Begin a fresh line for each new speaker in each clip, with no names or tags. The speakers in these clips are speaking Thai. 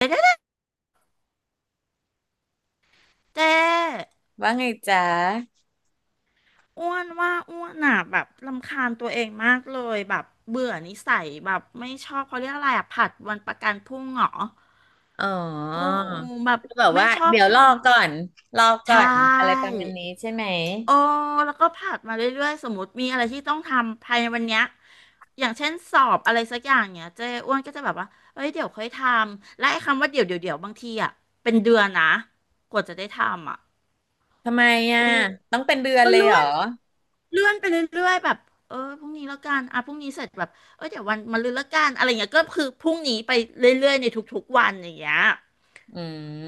เจ๊
ว่าไงจ๊ะ
อ้วนว่าอ้วนอ่ะแบบรำคาญตัวเองมากเลยแบบเบื่อนิสัยแบบไม่ชอบเขาเรียกอะไรอ่ะผัดวันประกันพรุ่งเหรอ
อ๋อ
โอ้แบบ
ก็แบบ
ไม่
ว่า
ชอบ
เดี๋ยว
ท
รอก่อน
ำ
รอก่อ
ใช่
นอะไรประมาณนี้ใช่ไหม
โอ้แล้วก็ผัดมาเรื่อยๆสมมติมีอะไรที่ต้องทำภายในวันเนี้ยอย่างเช่นสอบอะไรสักอย่างเนี้ยเจ๊อ้วนก็จะแบบว่าเอ้ยเดี๋ยวค่อยทำและไอ้คำว่าเดี๋ยวเดี๋ยวเดี๋ยวบางทีอ่ะเป็นเดือนนะกว่าจะได้ทำอ่ะ
ทำไมอ่ะ
อู้
ต้องเป็นเดือน
ก็
เลย
เลื่
เหร
อ
อ
นเลื่อนไปเรื่อยๆแบบเออพรุ่งนี้แล้วกันอ่ะพรุ่งนี้เสร็จแบบเออเดี๋ยววันมะรืนแล้วกันอะไรเงี้ยก็คือพรุ่งนี้ไปเรื่อยๆในทุกๆวันอย่างเงี้ย
อื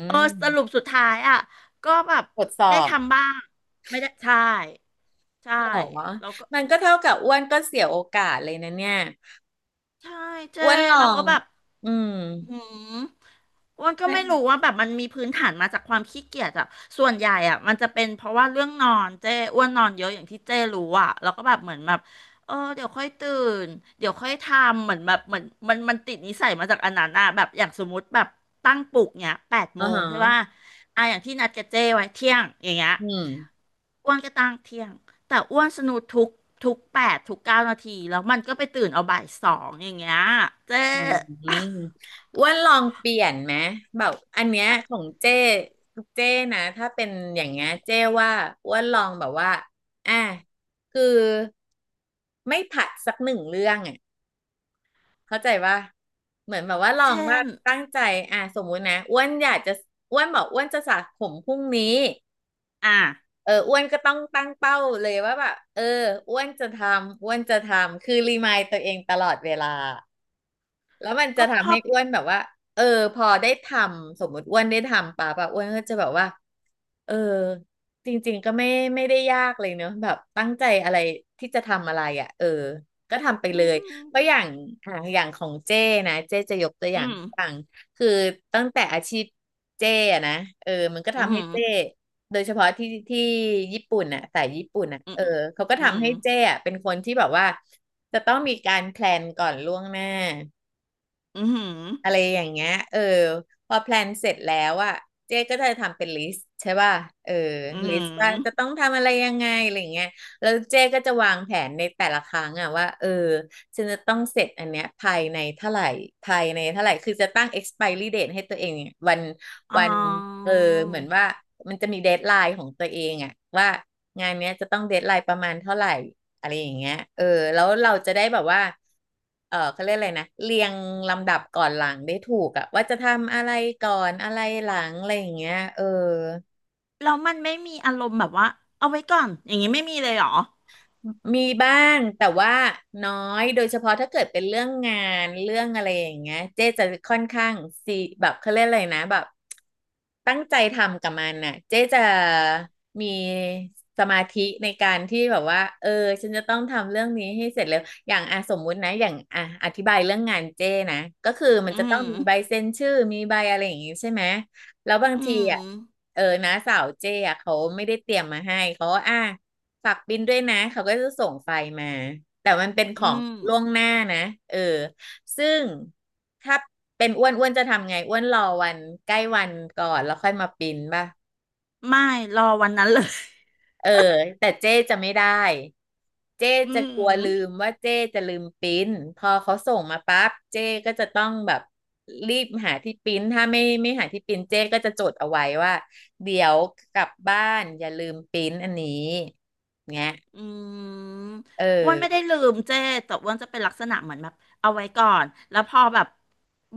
เออส
ม
รุปสุดท้ายอ่ะก็แบบ
ทดส
ได้
อบ
ทำบ้างไม่ได้ใช่ใช่
เหรอ
แล้วก็
มันก็เท่ากับอ้วนก็เสียโอกาสเลยนะเนี่ย
ใช่เจ้
อ้วนลอ
แล้วก็
ง
แบบ
อืม
อืมอ้วนก็
เนี่ย
ไม่รู้ว่าแบบมันมีพื้นฐานมาจากความขี้เกียจอะส่วนใหญ่อะมันจะเป็นเพราะว่าเรื่องนอนเจ้อ้วนนอนเยอะอย่างที่เจ้รู้อะแล้วก็แบบเหมือนแบบเออเดี๋ยวค่อยตื่นเดี๋ยวค่อยทำเหมือนแบบเหมือนมันติดนิสัยมาจากอันนั้นอะแบบอย่างสมมติแบบตั้งปลุกเนี้ยแปด
อ๋อ
โมง
ฮะ
ใช่ป่ะอ่ะอย่างที่นัดกับเจ้ไว้เที่ยงอย่างเงี้ย
อืม
อ้วนก็ตั้งเที่ยงแต่อ้วนสนุกทุกแปดทุกเก้านาทีแล้วมันก็ไปตื่นเอาบ่ายสองอย่างเงี้ยเจ
อืมอ้วนลองเปลี่ยนไหมแบบอันเนี้ยของเจ้เจ้นะถ้าเป็นอย่างเงี้ยเจ้ว่าอ้วนลองแบบว่าอ่ะคือไม่ผัดสักหนึ่งเรื่องอ่ะเข้าใจว่าเหมือนแบบว่าลอง
เช่
ว่า
น
ตั้งใจอ่ะสมมุตินะอ้วนอยากจะอ้วนบอกอ้วนจะสระผมพรุ่งนี้
อ่ะ
เอออ้วนก็ต้องตั้งเป้าเลยว่าแบบเอออ้วนจะทำอ้วนจะทำคือรีมายตัวเองตลอดเวลา แล้วมันจะ
ก็พ
ทำ
อ
ให้อ้วนแบบว่าเออพอได้ทำสมมติอ้วนได้ทำป่ะป่ะอ้วนก็จะแบบว่าเออจริงๆก็ไม่ไม่ได้ยากเลยเนอะแบบตั้งใจอะไรที่จะทำอะไรอ่ะเออก็ทำไป
อื
เลย
ม
เพราะอย่างอ่ะอย่างของเจ้นะเจ้จะยกตัวอ
อื
ย่าง
ม
ต่างคือตั้งแต่อาชีพเจ้อะนะเออมันก็
อื
ทำให้
ม
เจ้โดยเฉพาะที่ญี่ปุ่นน่ะสายญี่ปุ่นน่ะ
อืม
เออเขาก็
อืม
ทำให้เจ้อะเป็นคนที่แบบว่าจะต้องมีการแพลนก่อนล่วงหน้า
อืม
อะไรอย่างเงี้ยเออพอแพลนเสร็จแล้วอะเจ๊ก็จะทำเป็นลิสต์ใช่ป่ะเออ
อื
ลิสต์ว่าจะ
ม
ต้องทำอะไรยังไงอะไรอย่างเงี้ยแล้วเจ๊ก็จะวางแผนในแต่ละครั้งอะว่าเออฉันจะต้องเสร็จอันเนี้ยภายในเท่าไหร่ภายในเท่าไหร่คือจะตั้ง expiry date ให้ตัวเองเนี่ยวัน
อ๋อ
วันเออเหมือนว่ามันจะมีเดดไลน์ของตัวเองอะว่างานเนี้ยจะต้องเดดไลน์ประมาณเท่าไหร่ อะไรอย่างเงี้ยเออ แล้วเราจะได้แบบว่า เออ เขาเรียกอะไรนะเรียงลำดับก่อนหลังได้ถูกอะว่าจะทำอะไรก่อนอะไรหลังอะไรอย่างเงี้ยเออ
แล้วมันไม่มีอารมณ์แบบว่าเอาไว้ก่อนอย่างนี้ไม่มีเลยเหรอ
มีบ้างแต่ว่าน้อยโดยเฉพาะถ้าเกิดเป็นเรื่องงานเรื่องอะไรอย่างเงี้ยเจ๊จะค่อนข้างซีแบบเขาเรียกอะไรนะแบบตั้งใจทำกับมันน่ะเจ๊จะมีสมาธิในการที่แบบว่าเออฉันจะต้องทำเรื่องนี้ให้เสร็จเร็วอย่างอ่ะสมมุตินะอย่างอ่ะอธิบายเรื่องงานเจ๊นะก็คือมัน
อื
จะต้อง
ม
มีใบเซ็นชื่อมีใบอะไรอย่างงี้ใช่ไหม แล้วบาง
อื
ที
ม
อ่ะ เออนะสาวเจ้อะเขาไม่ได้เตรียมมาให้ เขาก็อ่ะฝากบินด้วยนะ เขาก็จะส่งไฟล์มา แต่มันเป็นข
อื
อง
ม
ล่วงหน้านะ เออ ซึ่งถ้าเป็นอ้วนอ้วนจะทำไงอ้วนรอวันใกล้วันก่อนแล้วค่อยมาปริ้นป่ะ
ไม่ รอวันนั้นเลย
เออ แต่เจ๊จะไม่ได้เจ๊
อื
จะกลัว
ม
ลืมว่าเจ๊จะลืมปริ้นพอเขาส่งมาปั๊บเจ๊ก็จะต้องแบบรีบหาที่ปริ้นถ้าไม่หาที่ปริ้นเจ๊ก็จะจดเอาไว้ว่าเดี๋ยวกลับบ้านอย่าลืมปริ้นอันนี้เงี้ย
อืม
เ
อ้วนไม่ได้
ออ
ลืมเจ้แต่อ้วนจะเป็นลักษณะเหมือนแบบเอาไว้ก่อนแล้วพอแบบ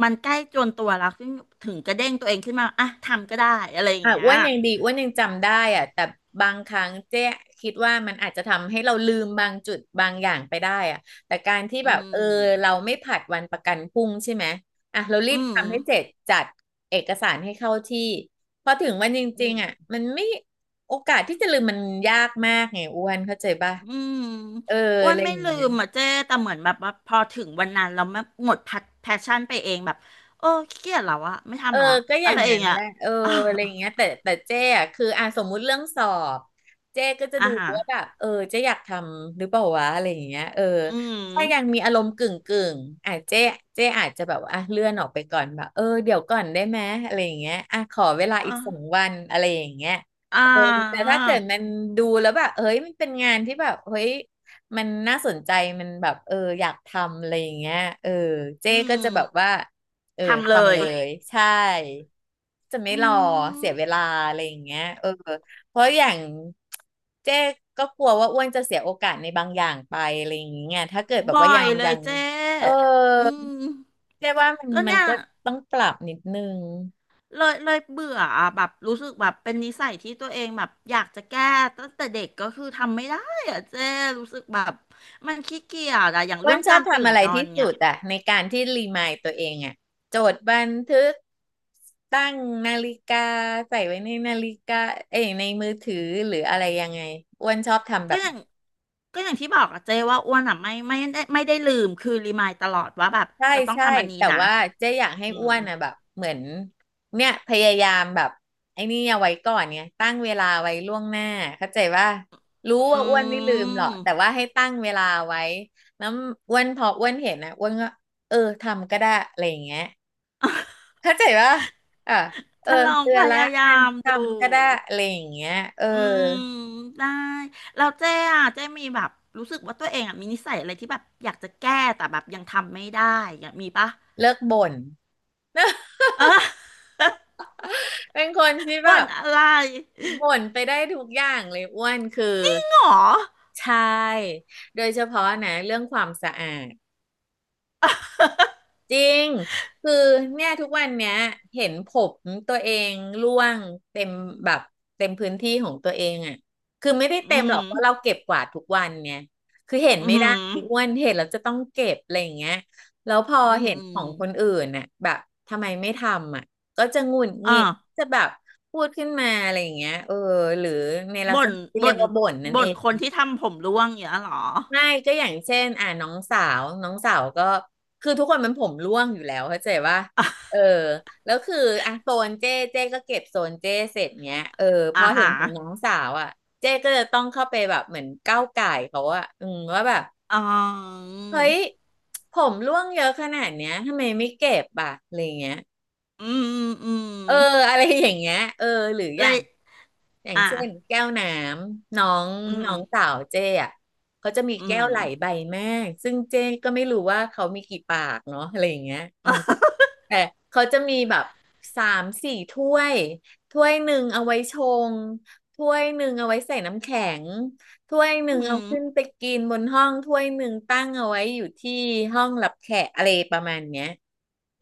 มันใกล้จวนตัวแล้วถึงกระเด้งตัวเองขึ้นมาอ่ะทำก็ได้อะไรอย่าง
ค่ะ
เงี้ย
อ้วนยังดีอ้วนยังจำได้อะแต่บางครั้งเจ๊คิดว่ามันอาจจะทำให้เราลืมบางจุดบางอย่างไปได้อะแต่การที่
อื
แบบเออเรา
ม
ไม่ผัดวันประกันพรุ่งใช่ไหมอ่ะเรารี
อื
บ
ม
ทำให้เสร็จจัดเอกสารให้เข้าที่พอถึงวันจ
อื
ริง
ม
ๆอ่ะมันไม่โอกาสที่จะลืมมันยากมากไงอ้วนเข้าใจป่ะ
อืม
เออ
อ้ว
อะ
น
ไร
ไม่
อย่าง
ลื
เงี้ย
มอ่ะเจ้แต่เหมือนแบบว่าพอถึงวันนั้นเราไม่หมดแพชชั่นไปเองแบบโอ้ขี้เกียจแล้วอะไม่
เออ
ทำละ
ก็อ
อะ
ย่า
ไร
ง
อ
นั้
ย่าง
น
เงี้
แห
ย
ละเออ
อ
อะไรอย่างเงี้ยแต่เจ๊อะคืออ่ะสมมุติเรื่องสอบเจ๊ก็จะ
่า
ดู
ฮะ
ว่าแบบเออเจ๊อยากทำหรือเปล่าวะอะไรอย่างเงี้ยเออ
อืม
ถ้ายังมีอารมณ์กึ่งกึ่งอ่ะเจ๊อาจจะแบบว่าอ่ะเลื่อนออกไปก่อนแบบเออเดี๋ยวก่อนได้ไหมอะไรอย่างเงี้ยอ่ะขอเวลาอีกสอง
อ่า
วันอะไรอย่างเงี้ย
อ่
เออแต่
า
ถ้าเกิดมันดูแล้วแบบเฮ้ยมันเป็นงานที่แบบเฮ้ยมันน่าสนใจมันแบบเอออยากทำอะไรอย่างเงี้ยเออเจ๊
อื
ก็
ม
จะแบบว่า เออ
ทำเล
ทำเล
ย
ไมยใช่จะไม่
อื
รอ
ม
เสียเวลาอะไรอย่างเงี้ยเออเพราะอย่างเจ๊ก็กลัวว่าอ้วนจะเสียโอกาสในบางอย่างไปอะไรอย่างเงี้ยถ้าเกิดแบบ
บ่อ
ว่ายั
ย
ง
เล
ยั
ย
ง
เจ๊
เออ
อืม
เจ๊ว่ามัน
ก็
มัน
เนี่ย
ก็ต้องปรับนิดนึง
เลยเบื่ออะแบบรู้สึกแบบเป็นนิสัยที่ตัวเองแบบอยากจะแก้ตั้งแต่เด็กก็คือทำไม่ได้อะเจ๊รู้สึกแบบมันขี้เกียจอะอย่าง
อ้ว
เรื่อ
น
ง
ชอ
กา
บ
รตื่
ทำ
น
อะไร
นอน
ที่
เนี่
สุ
ย
ดอะในการที่รีมายตัวเองอะจดบันทึกตั้งนาฬิกาใส่ไว้ในนาฬิกาเอ้ยในมือถือหรืออะไรยังไงอ้วนชอบทำแบ
ก็อ
บ
ย่างก็อย่างที่บอกอะเจ๊ว่าอ้วนอะไม่ได้ลืมคือรีมายตลอดว่าแบบ
ใช่
จะต้อง
ใช่
ทำอันนี้
แต่
นะ
ว่าเจ๊อยากให้
อื
อ้
ม
วนนะแบบเหมือนเนี่ยพยายามแบบไอ้นี่เอาไว้ก่อนเนี่ยตั้งเวลาไว้ล่วงหน้าเข้าใจว่ารู้
อื
ว่าอ้วนไม่ลืมหรอกแต่
ม
ว่าให้ตั้งเวลาไว้แล้วอ้วนพออ้วนเห็นนะอ้วนก็เออทำก็ได้อะไรอย่างเงี้ยเข้าใจว่าอ่ะเออ
จะลอง
เตือ
พ
นละ
ยายา
อ่ะ
มดู
ทำก็ได้อะไรอย่างเงี้ยเออ
อืมได้แล้วเจ๊อะเจ๊มีแบบรู้สึกว่าตัวเองอะมีนิสัยอะไรที่แบบอยากจะแก้แต่แบบยังทำไม่ได้อยากมีปะ
เลิกบ่น
เออ
เป็นคนที่ แบ
บ่น
บ
อะไร
บ่นไปได้ทุกอย่างเลยอ้วนคือ
หรอ
ใช่โดยเฉพาะนะเรื่องความสะอาดจริงคือเนี่ยทุกวันเนี้ยเห็นผมตัวเองร่วงเต็มแบบเต็มพื้นที่ของตัวเองอ่ะคือไม่ได้
อื
เต็มหรอ
ม
กเพราะเราเก็บกวาดทุกวันเนี่ยคือเห็น
อื
ไม่ได้อ้
ม
วนเห็นเราจะต้องเก็บอะไรอย่างเงี้ยแล้วพอ
อืม
เห็น
อ
ของคน
ม
อื่นน่ะแบบทำไมไม่ทำอ่ะก็จะหงุดห
อ่า
งิดจะแบบพูดขึ้นมาอะไรอย่างเงี้ยเออหรือในลัก
บ่
ษ
น
ณะที่
บ่
เรียก
น
ว่าบ่นนั่น
บ่
เอ
น
ง
คนที่ทำผมร่วงอย่างเงี้ยหรอ
ไม่ก็อย่างเช่นอ่าน้องสาวก็คือทุกคนมันผมร่วงอยู่แล้วเข้าใจว่าเออแล้วคืออ่ะโซนเจ้ก็เก็บโซนเจ้เสร็จเนี้ยเออพ
อ่า
อเห็
ฮะ
นของน้องสาวอ่ะเจ้ก็จะต้องเข้าไปแบบเหมือนก้าวก่ายเขาอ่ะอืมว่าแบบ
อ๋อ
เฮ้ยผมร่วงเยอะขนาดเนี้ยทำไมไม่เก็บอ่ะอะไรเงี้ย
อืมอืม
เอออะไรอย่างเงี้ยเออหรืออ
เล
ย่า
ย
ง อย่าง
อ่า
เช่นแก้วน้ำน้อง
อื
น้
ม
องสาวเจ้อะเขาจะมี
อื
แก้
ม
วไหลใบแม่ซึ่งเจ้ก็ไม่รู้ว่าเขามีกี่ปากเนาะอะไรอย่างเงี้ยอืมแต่เขาจะมีแบบสามสี่ถ้วยถ้วยหนึ่งเอาไว้ชงถ้วยหนึ่งเอาไว้ใส่น้ำแข็งถ้วยห
อื
นึ่งเอาขึ้น
ม
ไปกินบนห้องถ้วยหนึ่งตั้งเอาไว้อยู่ที่ห้องรับแขกอะไรประมาณเนี้ย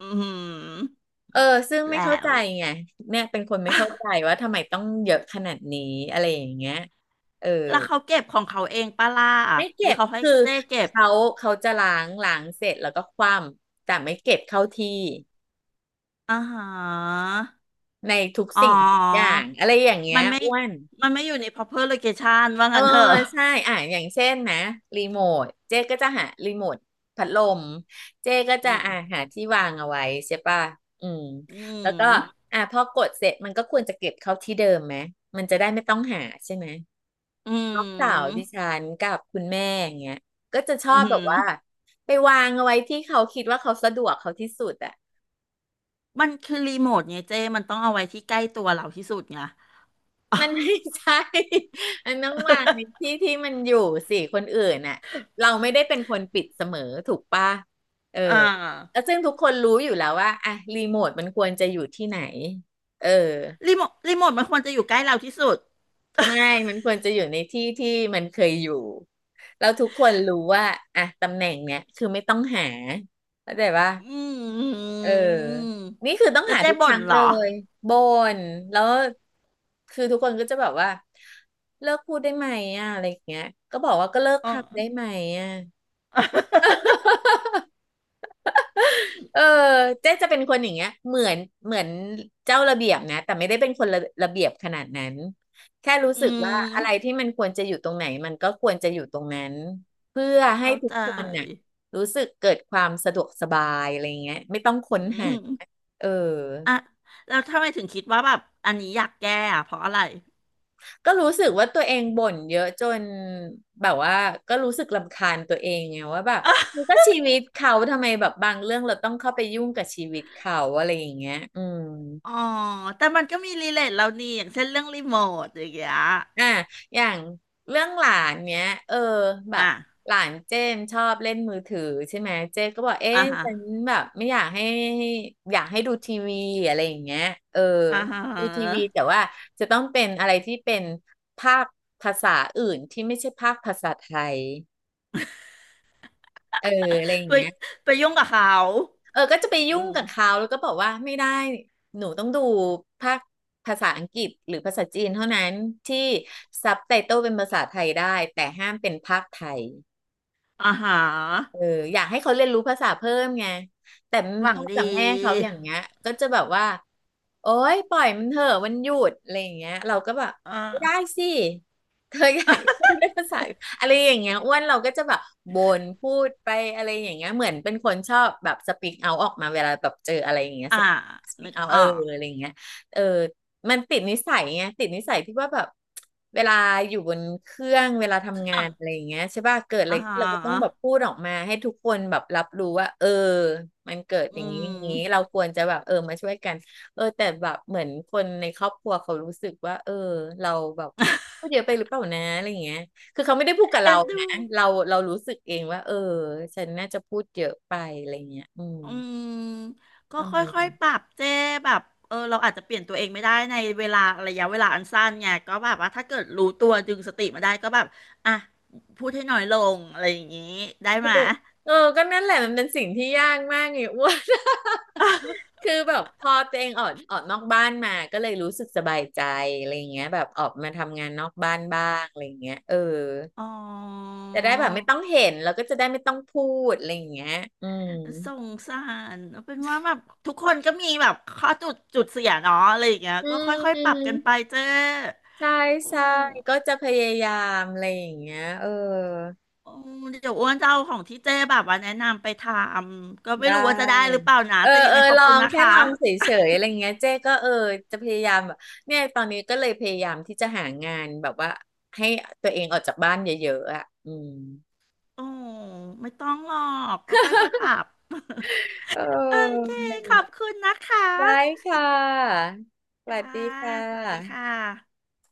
อืม
เออซึ่งไม่เข้า
แล้
ใจ
ว
ไงเนี่ยเป็นคนไม่เข้าใจว่าทำไมต้องเยอะขนาดนี้อะไรอย่างเงี้ยเออ
แล้วเขาเก็บของเขาเองปะล่ะ
ไม่
หรื
เก็
อ
บ
เขาให้
คือ
เจ้เก็บ
เขาเขาจะล้างเสร็จแล้วก็คว่ำแต่ไม่เก็บเข้าที่
อ่าฮะ
ในทุก
อ๋อ
สิ่งทุกอย่างอะไรอย่างเงี้ย
มันไม่
อ้วน
มันไม่อยู่ใน proper location ว่า
เออ
งั้นเถอะ
ใช่อ่ะอย่างเช่นนะรีโมทเจ๊ก็จะหารีโมทพัดลมเจ๊ก็
อื
จะ
ม
อ่ะหาที่วางเอาไว้ใช่ป่ะอืม
อื
แล้วก็
ม
อ่ะพอกดเสร็จมันก็ควรจะเก็บเข้าที่เดิมไหมมันจะได้ไม่ต้องหาใช่ไหม
อื
น้องสาวดิ
ม
ฉันกับคุณแม่อย่างเงี้ยก็จะช
อื
อบแบ
ม
บว่าไปวางเอาไว้ที่เขาคิดว่าเขาสะดวกเขาที่สุดอะ
มันคือรีโมทไงเจ้มันต้องเอาไว้ที่ใกล้ตัวเราที่สุดไง
มันไม่ ใช่ มันต้องวางในที่ที่มันอยู่สิคนอื่นน่ะเราไม่ได้เป็นคนปิดเสมอถูกปะเออ
อ่
แล้ว
า
ซึ่งทุกคนรู้อยู่แล้วว่าอะรีโมทมันควรจะอยู่ที่ไหนเออ
รีโมทมันควรจะอยู่ใกล้เราที่สุด
ไม่มันควรจะอยู่ในที่ที่มันเคยอยู่เราทุกคนรู้ว่าอะตำแหน่งเนี้ยคือไม่ต้องหาเข้าใจปะ
อื
เออ
ม
นี่คือต้อง
แล้ว
หา
เจ๊
ทุกค
บ่น
รั้ง
เหร
เล
อ
ยบ่นแล้วคือทุกคนก็จะแบบว่าเลิกพูดได้ไหมอ่ะอะไรอย่างเงี้ยก็บอกว่าก็เลิก
อ๋อ
ทำได้ไหมอ่ะ เออเจ๊จะเป็นคนอย่างเงี้ยเหมือนเจ้าระเบียบนะแต่ไม่ได้เป็นคนระเบียบขนาดนั้นแค่รู้
อื
สึกว่า
ม
อะไรที่มันควรจะอยู่ตรงไหนมันก็ควรจะอยู่ตรงนั้นเพื่อให้
เข้า
ทุก
ใจ
คนน่ะรู้สึกเกิดความสะดวกสบายอะไรอย่างเงี้ยไม่ต้องค้
อื
นหา
ม
เออ
อ่ะแล้วทำไมถึงคิดว่าแบบอันนี้อยากแก้อะเพราะอะไร
ก็รู้สึกว่าตัวเองบ่นเยอะจนแบบว่าก็รู้สึกรำคาญตัวเองไงว่าแบบมันก็ชีวิตเขาทำไมแบบบางเรื่องเราต้องเข้าไปยุ่งกับชีวิตเขาอะไรอย่างเงี้ยอืม
อ๋อแต่มันก็มีรีเลทเรานี่อย่างเช่นเรื่องรีโมทอย่างเงี้ย
อ่ะอย่างเรื่องหลานเนี้ยเออแบบ
อ่ะ
หลานเจมชอบเล่นมือถือใช่ไหมเจนก็บอก
อ่า
เอ๊ะ
ฮะ
ฉันแบบไม่อยากให้อยากให้ดูทีวีอะไรอย่างเงี้ยเออ
อ่าฮะ
ดูทีวีแต่ว่าจะต้องเป็นอะไรที่เป็นภาคภาษาอื่นที่ไม่ใช่ภาคภาษาไทย เอออะไรอย่าง
ไป
เงี้ย
ไปยุ่งกับเขา
เออก็จะไป
อื
ยุ่ง
ม
กับเขาแล้วก็บอกว่าไม่ได้หนูต้องดูภาคภาษาอังกฤษหรือภาษาจีนเท่านั้นที่ซับไตเติลเป็นภาษาไทยได้แต่ห้ามเป็นภาคไทย
อ่าฮะ
เอออยากให้เขาเรียนรู้ภาษาเพิ่มไงแต่
หวัง
พ่อ
ดี
กับแม่เขาอย่างเงี้ยก็จะแบบว่าโอ๊ยปล่อยมันเถอะมันหยุดอะไรอย่างเงี้ยเราก็แบบ
อ่า
ไม่ได้สิเธออยากได้ภาษาอะไรอย่างเงี้ยอ้วนเราก็จะแบบบ่นพูดไปอะไรอย่างเงี้ยเหมือนเป็นคนชอบแบบสปีกเอาออกมาเวลาแบบเจออะไรอย่างเงี้ย
อ่า
สปี
นึ
ก
ก
เอา
อ
เออ
อก
อะไรอย่างเงี้ยเออ มันติดนิสัยไงติดนิสัยที่ว่าแบบเวลาอยู่บนเครื่องเวลาทำ
ห
งา
วั
น
ง
อะไรอย่างเงี้ยใช่ป่ะเกิดอะไร
อ่า
ขึ้นเราก็ต้อง
ฮะ
แบบพูดออกมาให้ทุกคนแบบรับรู้ว่าเออมันเกิด
อื
อย่างนี้อย่างนี้เรา
ม
ควรจะแบบเออมาช่วยกันเออแต่แบบเหมือนคนในครอบครัวเขารู้สึกว่าเออเราแบบพูดเยอะไปหรือเปล่านะอะไรอย่างเงี้ยคือเขาไม่ได้พูดกับ
เอ็
เรา
นดู
นะเราเรารู้สึกเองว่าเออฉันน่าจะพูดเยอะไปอะไรอย่างเงี้ยอืม
อืมก็
ประมาณ
ค่อย
เนี้ย
ๆปรับเจ้แบบเออเราอาจจะเปลี่ยนตัวเองไม่ได้ในเวลาระยะเวลาอันสั้นไงก็แบบว่าถ้าเกิดรู้ตัวดึงสติมาได้ก็แบบอ่ะพูดให้น้อยลงอะไรอย่างนี้ได้
ก็
ไหม
จะเออก็นั่นแหละมันเป็นสิ่งที่ยากมากไง อ้วน คือแบบพอตัวเองออกนอกบ้านมา ก็เลยรู้สึกสบายใจอะไรอย่างเงี้ยแบบออกมาทำงานนอกบ้านบ้างอะไรอย่างเงี้ยเออ
อ๋อ
จะได้แบบไม่ต้องเห็นแล้วก็จะได้ไม่ต้องพูดอะไรอย่างเงี้ยอืม
สงสารเป็นว่าแบบทุกคนก็มีแบบข้อจุดเสียเนาะอะไรอย่างเงี้ย
อื
ก็
ม
ค่อย
อื
ๆปรั
ม
บกันไปเจ้
ใช่
อื
ใช่
ม
ก็จะพยายามอะไรอย่างเงี้ยเออ
อืมเดี๋ยวอ้วนจะเอาของที่เจ๊แบบว่าแนะนำไปทำก็
ได
ไม่รู้ว่าจะได้หรือ
้
เปล่านะ
เออ
แต่ยัง
เออ
ไงขอ
ล
บ
อ
คุณ
ง
นะ
แค่
คะ
ลองเฉยๆอะไรเงี้ยเจ๊ก็เออจะพยายามแบบเนี่ยตอนนี้ก็เลยพยายามที่จะหางานแบบว่าให้ตัวเองออกจากบ้านเยอะๆอ่ะอืม
โอ้ไม่ต้องหรอกก็ค่อยๆปรับ
เออ
โอเค
อะไรอย่าง
ข
เงี้
อ
ย
บคุณนะคะ
ได้ค่ะ สวัส
จ้า
ดีค่ะ
สวัสดีค่ะ